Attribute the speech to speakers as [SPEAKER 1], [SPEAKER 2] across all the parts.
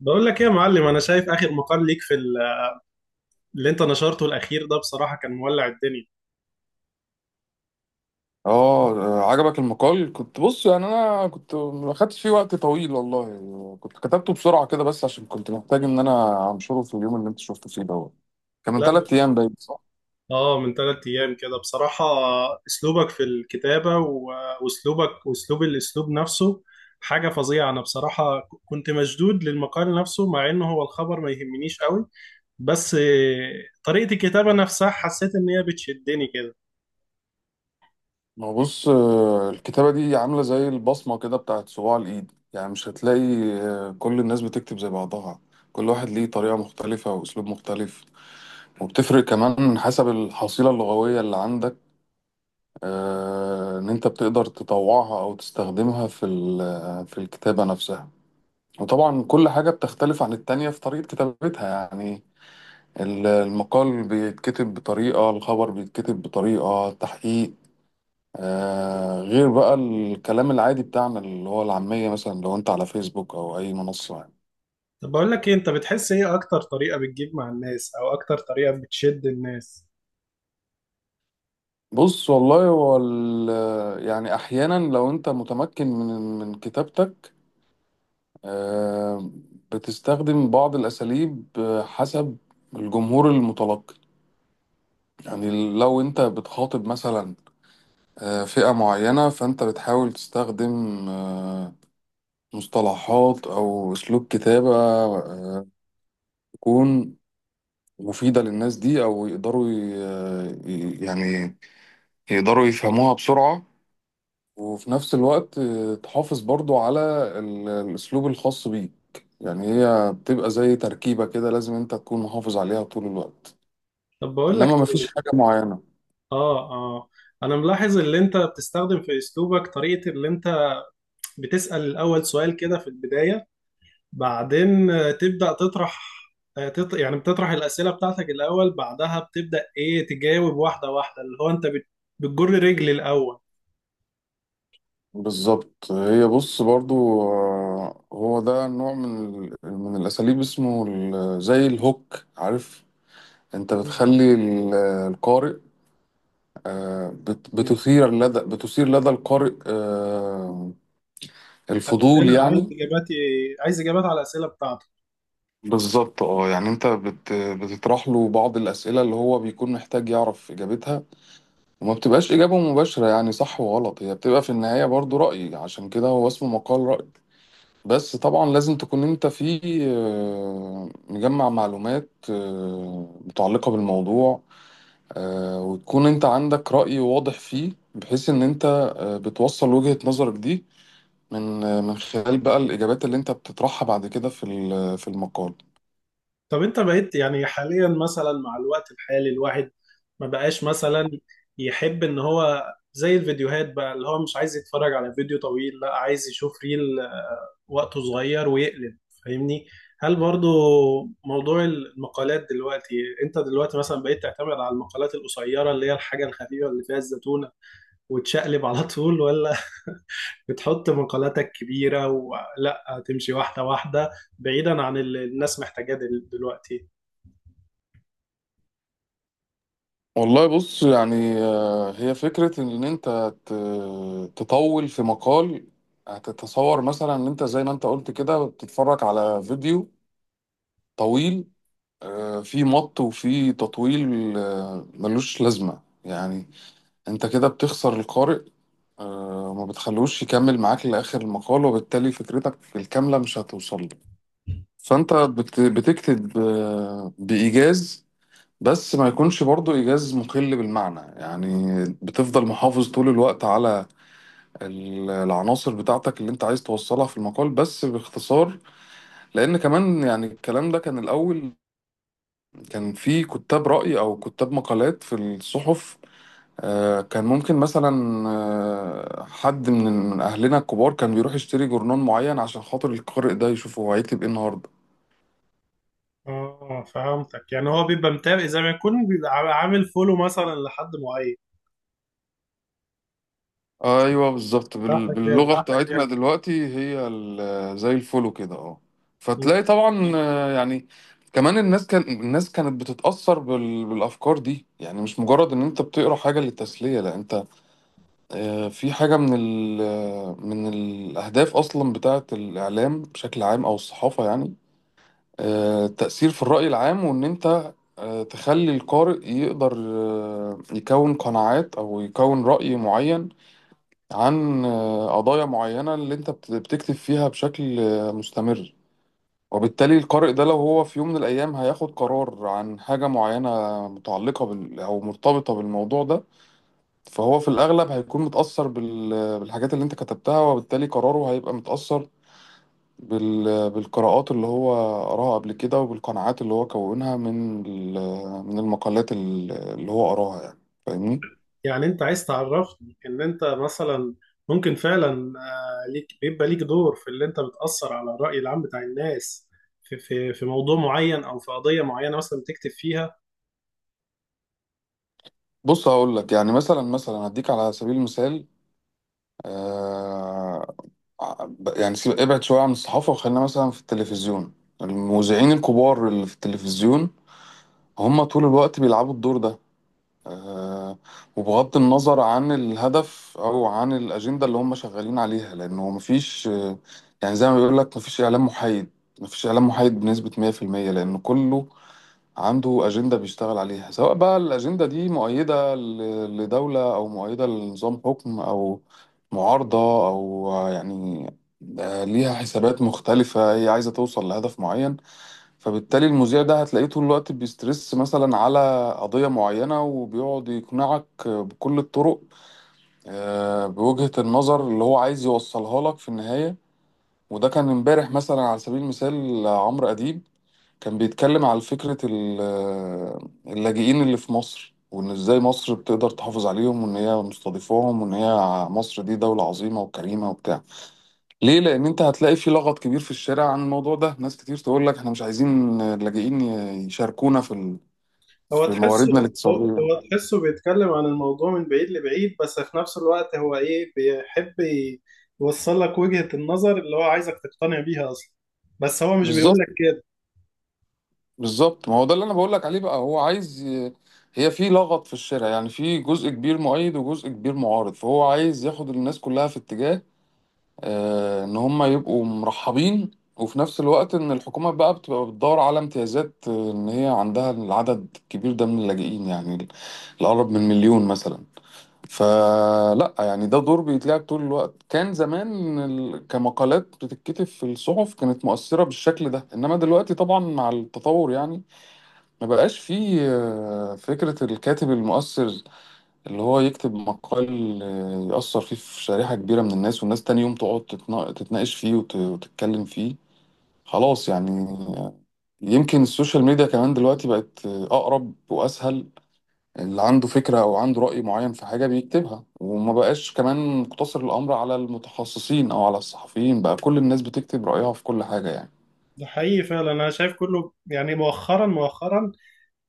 [SPEAKER 1] بقول لك ايه يا معلم، انا شايف اخر مقال ليك في اللي انت نشرته الاخير ده، بصراحه كان مولع الدنيا.
[SPEAKER 2] اه. عجبك المقال، كنت بص يعني انا كنت ما خدتش فيه وقت طويل والله، كنت كتبته بسرعه كده بس عشان كنت محتاج ان انا انشره في اليوم اللي انت شفته فيه دوت. كان من
[SPEAKER 1] لا ب-
[SPEAKER 2] 3 ايام باين، صح؟
[SPEAKER 1] اه، من ثلاث ايام كده بصراحه. اسلوبك في الكتابه و- واسلوبك الاسلوب نفسه حاجه فظيعه. انا بصراحه كنت مشدود للمقال نفسه، مع انه هو الخبر ما يهمنيش قوي، بس طريقه الكتابه نفسها حسيت ان هي بتشدني كده.
[SPEAKER 2] ما هو بص، الكتابه دي عامله زي البصمه كده بتاعت صباع الايد، يعني مش هتلاقي كل الناس بتكتب زي بعضها. كل واحد ليه طريقه مختلفه واسلوب مختلف، وبتفرق كمان حسب الحصيله اللغويه اللي عندك، ان انت بتقدر تطوعها او تستخدمها في في الكتابة نفسها. وطبعا كل حاجة بتختلف عن التانية في طريقة كتابتها يعني. المقال بيتكتب بطريقة، الخبر بيتكتب بطريقة التحقيق، آه، غير بقى الكلام العادي بتاعنا اللي هو العامية مثلا لو انت على فيسبوك او اي منصة يعني.
[SPEAKER 1] طب بقول لك ايه، انت بتحس ايه اكتر طريقه بتجيب مع الناس، او اكتر طريقه بتشد الناس؟
[SPEAKER 2] بص والله، هو يعني احيانا لو انت متمكن من كتابتك، آه، بتستخدم بعض الأساليب حسب الجمهور المتلقي. يعني لو أنت بتخاطب مثلا فئة معينة، فأنت بتحاول تستخدم مصطلحات أو أسلوب كتابة آه، تكون مفيدة للناس دي، أو يقدروا يعني يقدروا يفهموها بسرعة. وفي نفس الوقت تحافظ برضو على الأسلوب الخاص بيك. يعني هي بتبقى زي تركيبة كده، لازم انت تكون محافظ عليها طول الوقت،
[SPEAKER 1] طب بقول لك
[SPEAKER 2] انما مفيش حاجة معينة.
[SPEAKER 1] اه اه، انا ملاحظ اللي انت بتستخدم في اسلوبك طريقة اللي انت بتسأل الاول سؤال كده في البداية، بعدين تبدأ تطرح، آه، تط... يعني بتطرح الأسئلة بتاعتك الاول، بعدها بتبدأ ايه تجاوب واحدة واحدة، اللي هو انت بتجر رجل الاول.
[SPEAKER 2] بالظبط، هي بص برضو هو ده نوع من من الأساليب، اسمه زي الهوك، عارف؟ انت
[SPEAKER 1] مم.
[SPEAKER 2] بتخلي القارئ، آه، بت-
[SPEAKER 1] مم.
[SPEAKER 2] بتثير لدى بتثير لدى القارئ الفضول
[SPEAKER 1] أسئلة عايز
[SPEAKER 2] يعني.
[SPEAKER 1] اجاباتي عايز اجابات على الأسئلة بتاعتك.
[SPEAKER 2] بالظبط، اه يعني انت بتطرح له بعض الاسئله اللي هو بيكون محتاج يعرف اجابتها، وما بتبقاش اجابه مباشره يعني صح وغلط، هي بتبقى في النهايه برضو راي، عشان كده هو اسمه مقال راي. بس طبعا لازم تكون انت فيه مجمع معلومات متعلقه بالموضوع، وتكون انت عندك راي واضح فيه، بحيث ان انت بتوصل وجهه نظرك دي من من خلال بقى الاجابات اللي انت بتطرحها بعد كده في في المقال.
[SPEAKER 1] طب انت بقيت يعني حاليا، مثلا مع الوقت الحالي، الواحد ما بقاش مثلا يحب ان هو، زي الفيديوهات بقى، اللي هو مش عايز يتفرج على فيديو طويل، لا عايز يشوف ريل وقته صغير ويقلب، فاهمني؟ هل برضو موضوع المقالات دلوقتي، انت دلوقتي مثلا بقيت تعتمد على المقالات القصيرة اللي هي الحاجة الخفيفة اللي فيها الزتونة وتشقلب على طول، ولا بتحط مقالاتك كبيرة ولا تمشي واحدة واحدة، بعيدا عن اللي الناس محتاجاه دلوقتي؟
[SPEAKER 2] والله بص يعني هي فكرة إن أنت تطول في مقال، هتتصور مثلا إن أنت زي ما أنت قلت كده بتتفرج على فيديو طويل، فيه مط وفيه تطويل ملوش لازمة يعني. أنت كده بتخسر القارئ، وما بتخلوش يكمل معاك لآخر المقال، وبالتالي فكرتك الكاملة مش هتوصل له. فأنت بتكتب بإيجاز، بس ما يكونش برضو إيجاز مخل بالمعنى يعني. بتفضل محافظ طول الوقت على العناصر بتاعتك اللي انت عايز توصلها في المقال، بس باختصار. لأن كمان يعني الكلام ده كان الأول كان في كتاب رأي أو كتاب مقالات في الصحف، كان ممكن مثلا حد من أهلنا الكبار كان بيروح يشتري جورنال معين عشان خاطر القارئ ده يشوفه هو هيكتب إيه النهاردة.
[SPEAKER 1] اه فهمتك، يعني هو بيبقى متابع زي ما يكون بيبقى عامل فولو مثلا لحد معين.
[SPEAKER 2] ايوه بالظبط،
[SPEAKER 1] صح
[SPEAKER 2] باللغه
[SPEAKER 1] كده.
[SPEAKER 2] عندك بتاعتنا يعني دلوقتي هي زي الفولو كده، اه.
[SPEAKER 1] مم.
[SPEAKER 2] فتلاقي طبعا يعني كمان الناس كانت بتتاثر بالافكار دي، يعني مش مجرد ان انت بتقرا حاجه للتسليه، لا، انت في حاجه من ال... آه، من الاهداف اصلا بتاعه الاعلام بشكل عام او الصحافه يعني. التاثير في الراي العام، وان انت تخلي القارئ يقدر يكون قناعات او يكون راي معين عن قضايا معينة اللي انت بتكتب فيها بشكل مستمر. وبالتالي القارئ ده، لو هو في يوم من الأيام هياخد قرار عن حاجة معينة متعلقة بال، أو مرتبطة بالموضوع ده، فهو في الأغلب هيكون متأثر بالحاجات اللي انت كتبتها، وبالتالي قراره هيبقى متأثر بال... بالقراءات اللي هو قراها قبل كده، وبالقناعات اللي هو كونها من من المقالات اللي هو قراها يعني. فاهمني؟
[SPEAKER 1] يعني انت عايز تعرفني ان انت مثلا ممكن فعلا، ليك بيبقى ليك دور في اللي انت بتأثر على الرأي العام بتاع الناس في في موضوع معين او في قضية معينة مثلا بتكتب فيها.
[SPEAKER 2] بص هقول لك، يعني مثلا هديك على سبيل المثال آه، يعني سيب، ابعد شوية عن الصحافة وخلينا مثلا في التلفزيون. المذيعين الكبار اللي في التلفزيون، هم طول الوقت بيلعبوا الدور ده، آه، وبغض النظر عن الهدف أو عن الأجندة اللي هم شغالين عليها، لأنه مفيش يعني زي ما بيقول لك، مفيش إعلام محايد، مفيش إعلام محايد بنسبة 100%، لأنه كله عنده أجندة بيشتغل عليها، سواء بقى الأجندة دي مؤيدة لدولة، أو مؤيدة لنظام حكم، أو معارضة، أو ليها حسابات مختلفة هي عايزة توصل لهدف معين. فبالتالي المذيع ده هتلاقيه طول الوقت بيسترس مثلا على قضية معينة، وبيقعد يقنعك بكل الطرق بوجهة النظر اللي هو عايز يوصلها لك في النهاية. وده كان امبارح مثلا على سبيل المثال، عمرو أديب كان بيتكلم على فكرة اللاجئين اللي في مصر، وإن إزاي مصر بتقدر تحافظ عليهم، وإن هي مستضيفاهم، وإن هي مصر دي دولة عظيمة وكريمة وبتاع. ليه؟ لأن أنت هتلاقي في لغط كبير في الشارع عن الموضوع ده، ناس كتير تقول لك إحنا مش عايزين اللاجئين يشاركونا في
[SPEAKER 1] هو
[SPEAKER 2] في
[SPEAKER 1] تحسه،
[SPEAKER 2] مواردنا الاقتصادية.
[SPEAKER 1] هو تحسه بيتكلم عن الموضوع من بعيد لبعيد، بس في نفس الوقت هو ايه بيحب يوصل لك وجهة النظر اللي هو عايزك تقتنع بيها اصلا، بس هو مش بيقول
[SPEAKER 2] بالظبط،
[SPEAKER 1] لك كده.
[SPEAKER 2] بالظبط، ما هو ده اللي أنا بقول لك عليه بقى، هو عايز هي في لغط في الشارع يعني، في جزء كبير مؤيد وجزء كبير معارض، فهو عايز ياخد الناس كلها في اتجاه ان هم يبقوا مرحبين. وفي نفس الوقت ان الحكومة بقى بتبقى بتدور على امتيازات ان هي عندها العدد الكبير ده من اللاجئين، يعني الأقرب من مليون مثلا. فلا يعني ده دور بيتلعب طول الوقت، كان زمان كمقالات بتتكتب في الصحف، كانت مؤثرة بالشكل ده، انما دلوقتي طبعا مع التطور يعني ما بقاش فيه فكرة الكاتب المؤثر، اللي هو يكتب مقال يأثر فيه في شريحة كبيرة من الناس، والناس تاني يوم تقعد تتناقش فيه وتتكلم فيه، خلاص يعني. يمكن السوشيال ميديا كمان دلوقتي بقت أقرب وأسهل، اللي عنده فكرة أو عنده رأي معين في حاجة بيكتبها، وما بقاش كمان مقتصر الأمر على المتخصصين أو على الصحفيين، بقى كل الناس بتكتب رأيها في كل حاجة يعني.
[SPEAKER 1] ده حقيقي فعلا، انا شايف كله يعني، مؤخرا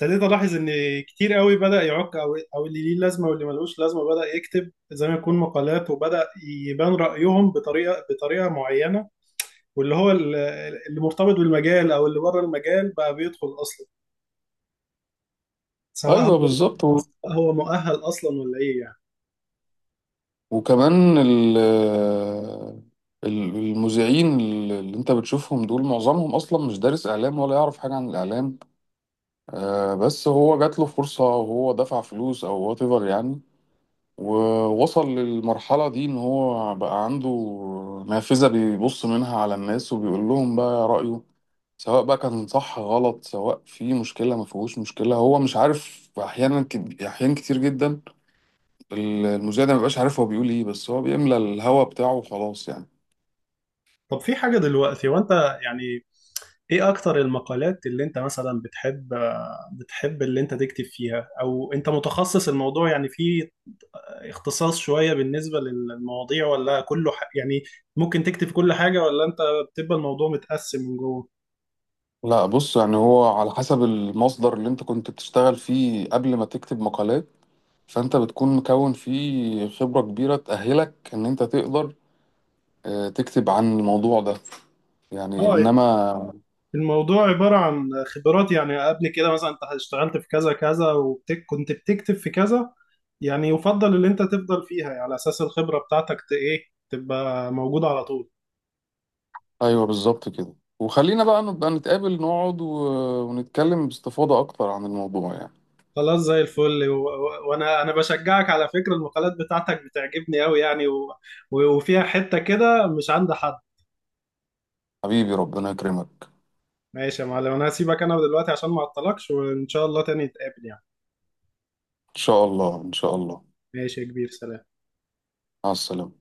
[SPEAKER 1] ابتديت الاحظ ان كتير قوي بدأ يعك، او اللي ليه لازمة واللي ملوش لازمة بدأ يكتب زي ما يكون مقالات، وبدأ يبان رأيهم بطريقة معينة، واللي هو اللي مرتبط بالمجال او اللي بره المجال بقى بيدخل اصلا، سواء
[SPEAKER 2] أيوه
[SPEAKER 1] هو
[SPEAKER 2] بالظبط.
[SPEAKER 1] هو مؤهل اصلا ولا ايه يعني.
[SPEAKER 2] وكمان ال المذيعين اللي انت بتشوفهم دول، معظمهم اصلا مش دارس اعلام ولا يعرف حاجه عن الاعلام، بس هو جات له فرصه وهو دفع فلوس او وات ايفر يعني، ووصل للمرحله دي ان هو بقى عنده نافذه بيبص منها على الناس، وبيقول لهم بقى رايه، سواء بقى كان صح غلط، سواء في مشكله ما فيهوش مشكله، هو مش عارف احيانا، احيان كتير جدا المذيع ده مبقاش عارف هو بيقول ايه، بس هو بيملى الهوا بتاعه وخلاص يعني.
[SPEAKER 1] طب في حاجه دلوقتي وانت يعني، ايه اكتر المقالات اللي انت مثلا بتحب اللي انت تكتب فيها، او انت متخصص الموضوع يعني، في اختصاص شويه بالنسبه للمواضيع ولا كله يعني ممكن تكتب كل حاجه، ولا انت بتبقى الموضوع متقسم من جوه؟
[SPEAKER 2] لا بص، يعني هو على حسب المصدر اللي انت كنت بتشتغل فيه قبل ما تكتب مقالات، فانت بتكون مكون فيه خبرة كبيرة تأهلك ان انت تقدر تكتب عن الموضوع ده يعني،
[SPEAKER 1] اه،
[SPEAKER 2] انما
[SPEAKER 1] الموضوع عبارة عن خبرات يعني، قبل كده مثلا انت اشتغلت في كذا كذا وكنت بتكتب في كذا، يعني يفضل ان انت تفضل فيها يعني على اساس الخبرة بتاعتك ايه، تبقى موجودة على طول.
[SPEAKER 2] ايوه بالظبط كده. وخلينا بقى نبقى نتقابل نقعد ونتكلم باستفاضة اكتر عن الموضوع يعني.
[SPEAKER 1] خلاص زي الفل، وانا بشجعك، على فكرة المقالات بتاعتك بتعجبني قوي يعني، وفيها حتة كده مش عند حد.
[SPEAKER 2] حبيبي ربنا يكرمك.
[SPEAKER 1] ماشي يا معلم، انا هسيبك انا دلوقتي عشان ما اعطلكش، وان شاء الله تاني نتقابل يعني.
[SPEAKER 2] ان شاء الله، ان شاء الله.
[SPEAKER 1] ماشي يا كبير، سلام.
[SPEAKER 2] مع السلامة.